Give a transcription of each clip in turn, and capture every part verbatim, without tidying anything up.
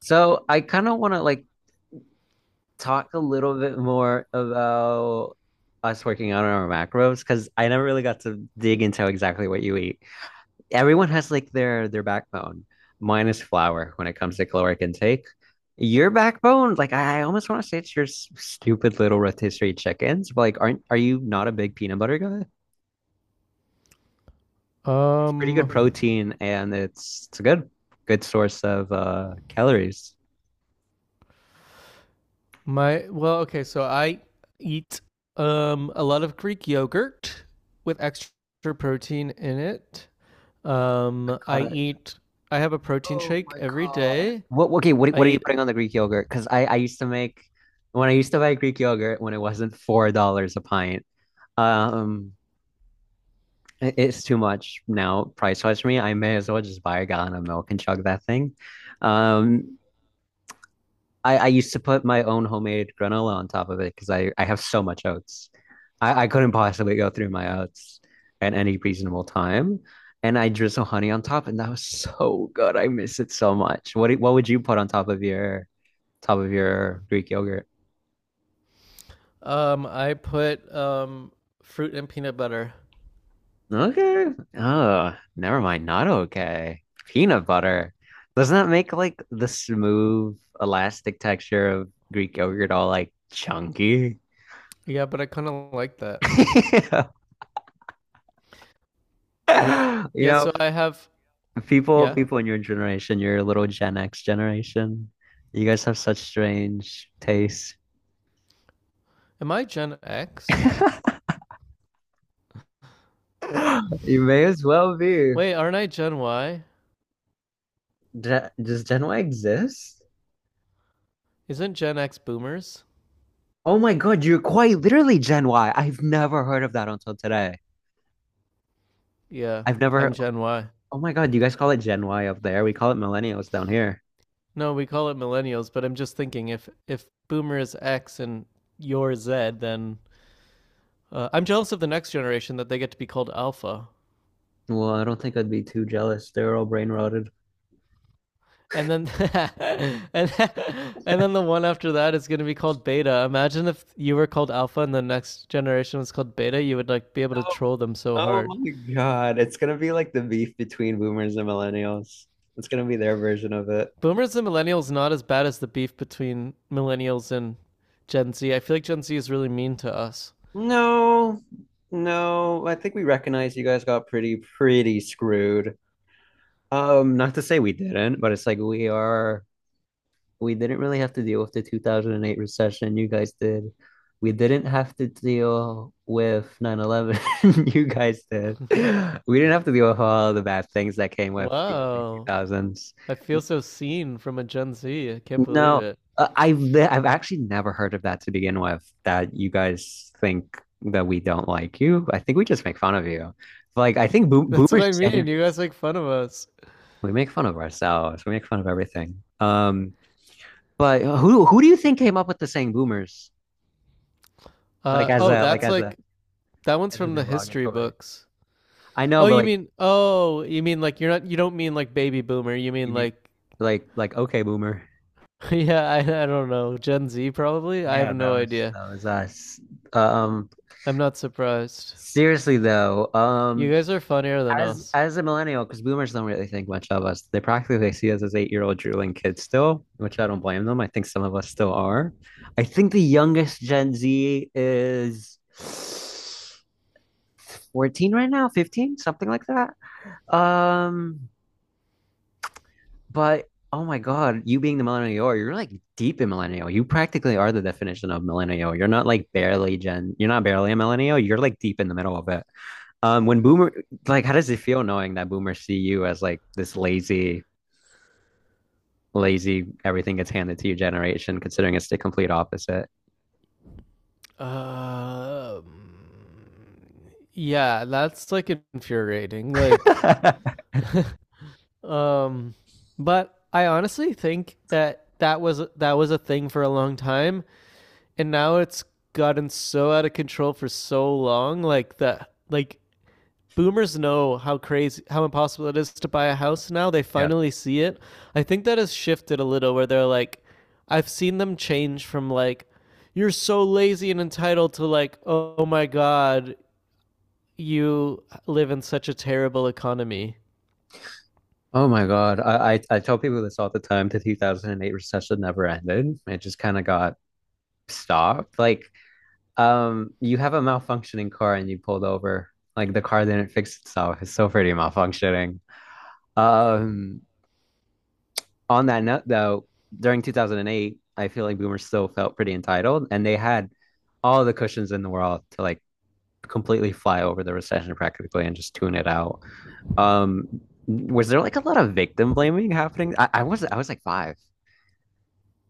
So I kind of want to like talk a little bit more about us working out on our macros because I never really got to dig into exactly what you eat. Everyone has like their their backbone. Mine is flour when it comes to caloric intake. Your backbone, like I, I almost want to say it's your s- stupid little rotisserie chickens, but like aren't are you not a big peanut butter guy? It's pretty good Um, protein and it's it's a good good source of uh calories. my well, okay, so I eat um a lot of Greek yogurt with extra protein in it. My Um, I God. eat. I have a protein Oh shake my every God. day. What, okay, what, I what are you eat. putting on the Greek yogurt? Because I, I used to make, when I used to buy Greek yogurt when it wasn't four dollars a pint, um, it- it's too much now price-wise for me. I may as well just buy a gallon of milk and chug that thing. Um, I, I used to put my own homemade granola on top of it because I, I have so much oats. I, I couldn't possibly go through my oats at any reasonable time. And I drizzle honey on top, and that was so good. I miss it so much. What do- what would you put on top of your top of your Greek yogurt? Um, I put um fruit and peanut butter. Okay. Oh, never mind. Not okay. Peanut butter. Doesn't that make like the smooth, elastic texture of Greek yogurt all like chunky? Yeah, but I kind of like that. You Yeah, know, so I have. People, Yeah, people in your generation, your little Gen X generation, you guys have such strange tastes. am I Gen X? Uh, You may as well be. Wait, aren't I Gen Y? Gen- Does Gen Y exist? Isn't Gen X boomers? Oh my God, you're quite literally Gen Y. I've never heard of that until today. Yeah, I've never. I'm heard. Gen Y. Oh my God, you guys call it Gen Y up there. We call it millennials down here. No, we call it millennials, but I'm just thinking if if boomer is X and you're Z, then uh, I'm jealous of the next generation that they get to be called alpha. Well, I don't think I'd be too jealous. They're all brain rotted. And then and, and then the one after that is going to be called beta. Imagine if you were called alpha and the next generation was called beta, you would like be able to Oh, troll them so oh hard. my God. It's gonna be like the beef between boomers and millennials. It's gonna be their version of it. Boomers and millennials not as bad as the beef between millennials and Gen Z. I feel like Gen Z is really mean to us. No, no. I think we recognize you guys got pretty, pretty screwed. Um, not to say we didn't, but it's like we are, we didn't really have to deal with the two thousand eight recession. You guys did. We didn't have to deal with nine eleven. You guys did. We didn't have to deal with all the bad things that came with the early Wow. two thousands. I feel so seen from a Gen Z. I can't believe No, it. uh, I've ne- I've actually never heard of that to begin with, that you guys think that we don't like you. I think we just make fun of you. Like I think boom, That's what boomers I mean. genuinely You guys make fun of us. we make fun of ourselves. We make fun of everything. Um, but who who do you think came up with the saying boomers? Like Uh, as oh, a, like that's as a, like that one's as a from the history derogatory. books. I know, Oh, but you like mean oh, you mean like you're not you don't mean like baby boomer. You you mean mean like like like okay boomer. yeah, I I don't know, Gen Z probably. I have Yeah, that no was idea. that was us. Um I'm not surprised. seriously though, You um guys are funnier than as us. as a millennial, because boomers don't really think much of us. They practically see us as eight year old drooling kids still, which I don't blame them. I think some of us still are. I think the youngest Gen Z is fourteen right now, fifteen, something like that. Um, but oh my God, you being the millennial, you are, you're like deep in millennial. You practically are the definition of millennial. You're not like barely Gen, you're not barely a millennial. You're like deep in the middle of it. Um, when boomer, like, how does it feel knowing that boomers see you as like this lazy lazy, everything gets handed to you generation, considering it's the complete opposite. Um, yeah, that's like infuriating. Like, um, but I honestly think that that was that was a thing for a long time and now it's gotten so out of control for so long, like that, like boomers know how crazy, how impossible it is to buy a house now. They Yeah. finally see it. I think that has shifted a little where they're like, I've seen them change from like, you're so lazy and entitled to like, oh my god, you live in such a terrible economy. Oh my God. I, I, I tell people this all the time. The two thousand eight recession never ended. It just kind of got stopped. Like, um, you have a malfunctioning car and you pulled over. Like the car didn't fix itself. It's still pretty malfunctioning. Um, on that note, though, during two thousand eight, I feel like boomers still felt pretty entitled and they had all the cushions in the world to like completely fly over the recession practically and just tune it out. Um, was there like a lot of victim blaming happening? I, I was I was like five.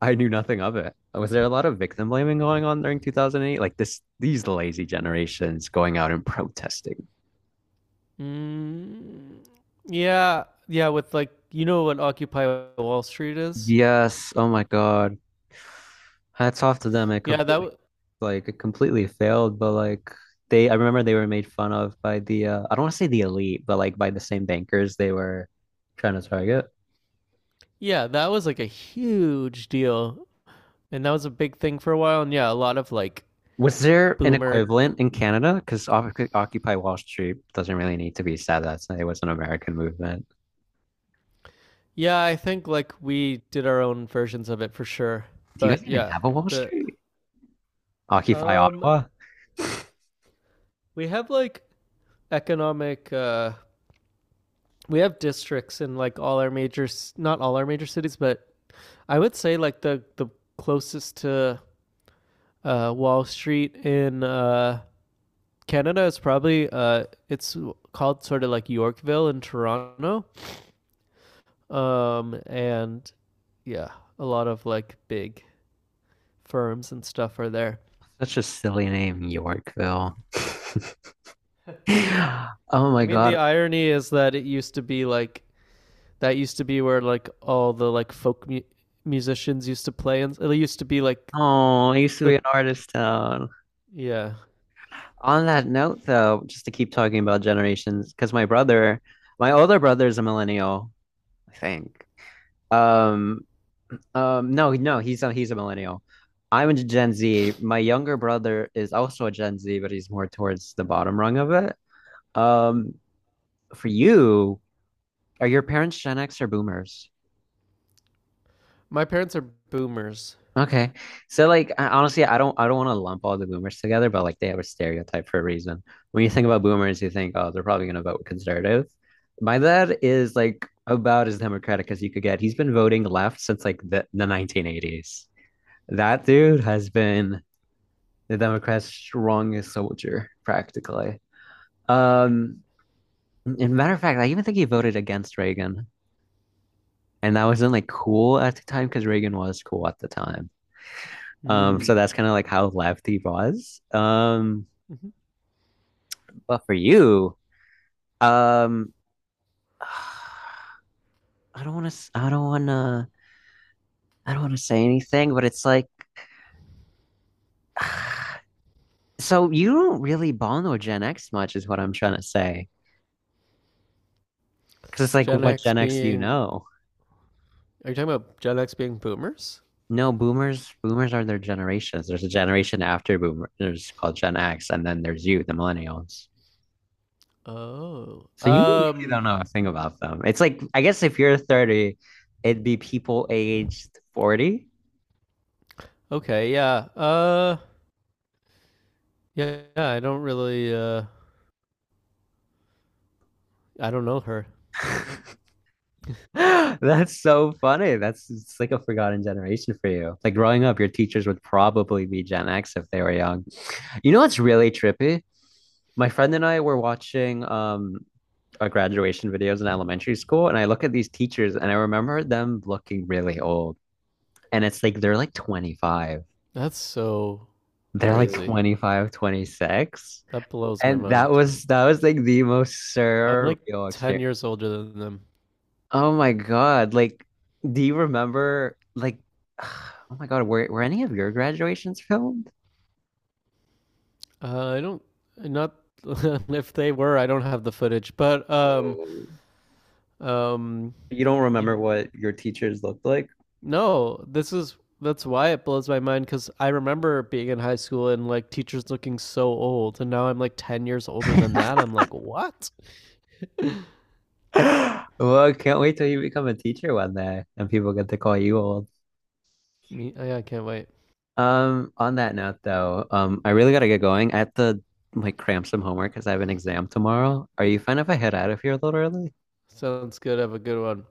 I knew nothing of it. Was there a lot of victim blaming going on during two thousand eight? Like this, these lazy generations going out and protesting. mm, yeah, yeah, with like, you know what Occupy Wall Street is. Yes. Oh my God. Hats off to them. It Yeah, completely, that. like, it completely failed. But like, they, I remember they were made fun of by the, uh, I don't want to say the elite, but like by the same bankers they were trying to target. Yeah, that was like a huge deal. And that was a big thing for a while. And yeah, a lot of like Was there an boomer. equivalent in Canada? Because Occupy Wall Street doesn't really need to be said. That's It was an American movement. Yeah, I think like we did our own versions of it for sure. Do you guys But even yeah, have a Wall the Street? Occupy um Ottawa? we have like economic, uh we have districts in like all our major, not all our major cities, but I would say like the the closest to uh Wall Street in uh Canada is probably, uh it's called sort of like Yorkville in Toronto. Um, and yeah, a lot of like big firms and stuff are there. Such a silly name, Yorkville. Oh I my mean, the God. irony is that it used to be like, that used to be where like all the like folk mu- musicians used to play, and it used to be like Oh, it used to be the, an artist town. yeah. On that note, though, just to keep talking about generations, because my brother, my older brother is a millennial, I think. Um, Um, no, no, he's a he's a millennial. I'm a Gen Z. My younger brother is also a Gen Z, but he's more towards the bottom rung of it. Um, for you, are your parents Gen X or Boomers? My parents are boomers. Okay. So like I, honestly, I don't I don't want to lump all the boomers together, but like they have a stereotype for a reason. When you think about boomers, you think, oh, they're probably gonna vote conservative. My dad is like about as democratic as you could get. He's been voting left since like the, the nineteen eighties. That dude has been the Democrats' strongest soldier, practically. Um, and matter of fact, I even think he voted against Reagan, and that wasn't like cool at the time because Reagan was cool at the time. Um, Mm. so that's kind of like how left he was. Um, Mm-hmm. but for you, um, I don't want to, I don't want to, I don't want to say anything, but it's like, so you don't really bond with Gen X much, is what I'm trying to say. Because it's like, Gen what X Gen X do you being know? Are you talking about Gen X being boomers? No, boomers, boomers are their generations. There's a generation after boomers called Gen X, and then there's you, the millennials. Oh, So you really um, don't know a thing about them. It's like, I guess if you're thirty, it'd be people aged forty. okay, yeah, uh, yeah, yeah. I don't really, uh, I don't know her. That's so funny. That's It's like a forgotten generation for you. Like growing up, your teachers would probably be Gen X if they were young. You know what's really trippy? My friend and I were watching um uh, graduation videos in elementary school, and I look at these teachers and I remember them looking really old. And it's like they're like twenty-five. That's so They're like crazy. twenty five, twenty six. That blows my And that mind. was that was like the most I'm like surreal ten experience. years older than them. Oh my God. Like, do you remember like oh my God, were were any of your graduations filmed? Uh, I don't, not if they were, I don't have the footage, but um, No. um, You don't yeah. remember what your teachers looked like? No, this is, that's why it blows my mind, because I remember being in high school and like teachers looking so old, and now I'm like ten years older than that. I'm like, what? Well, I can't wait till you become a teacher one day and people get to call you old. Me, I I can't wait. Um, on that note though, um, I really gotta get going. I have to like cram some homework because I have an exam tomorrow. Are you fine if I head out of here a little early? Sounds good. Have a good one.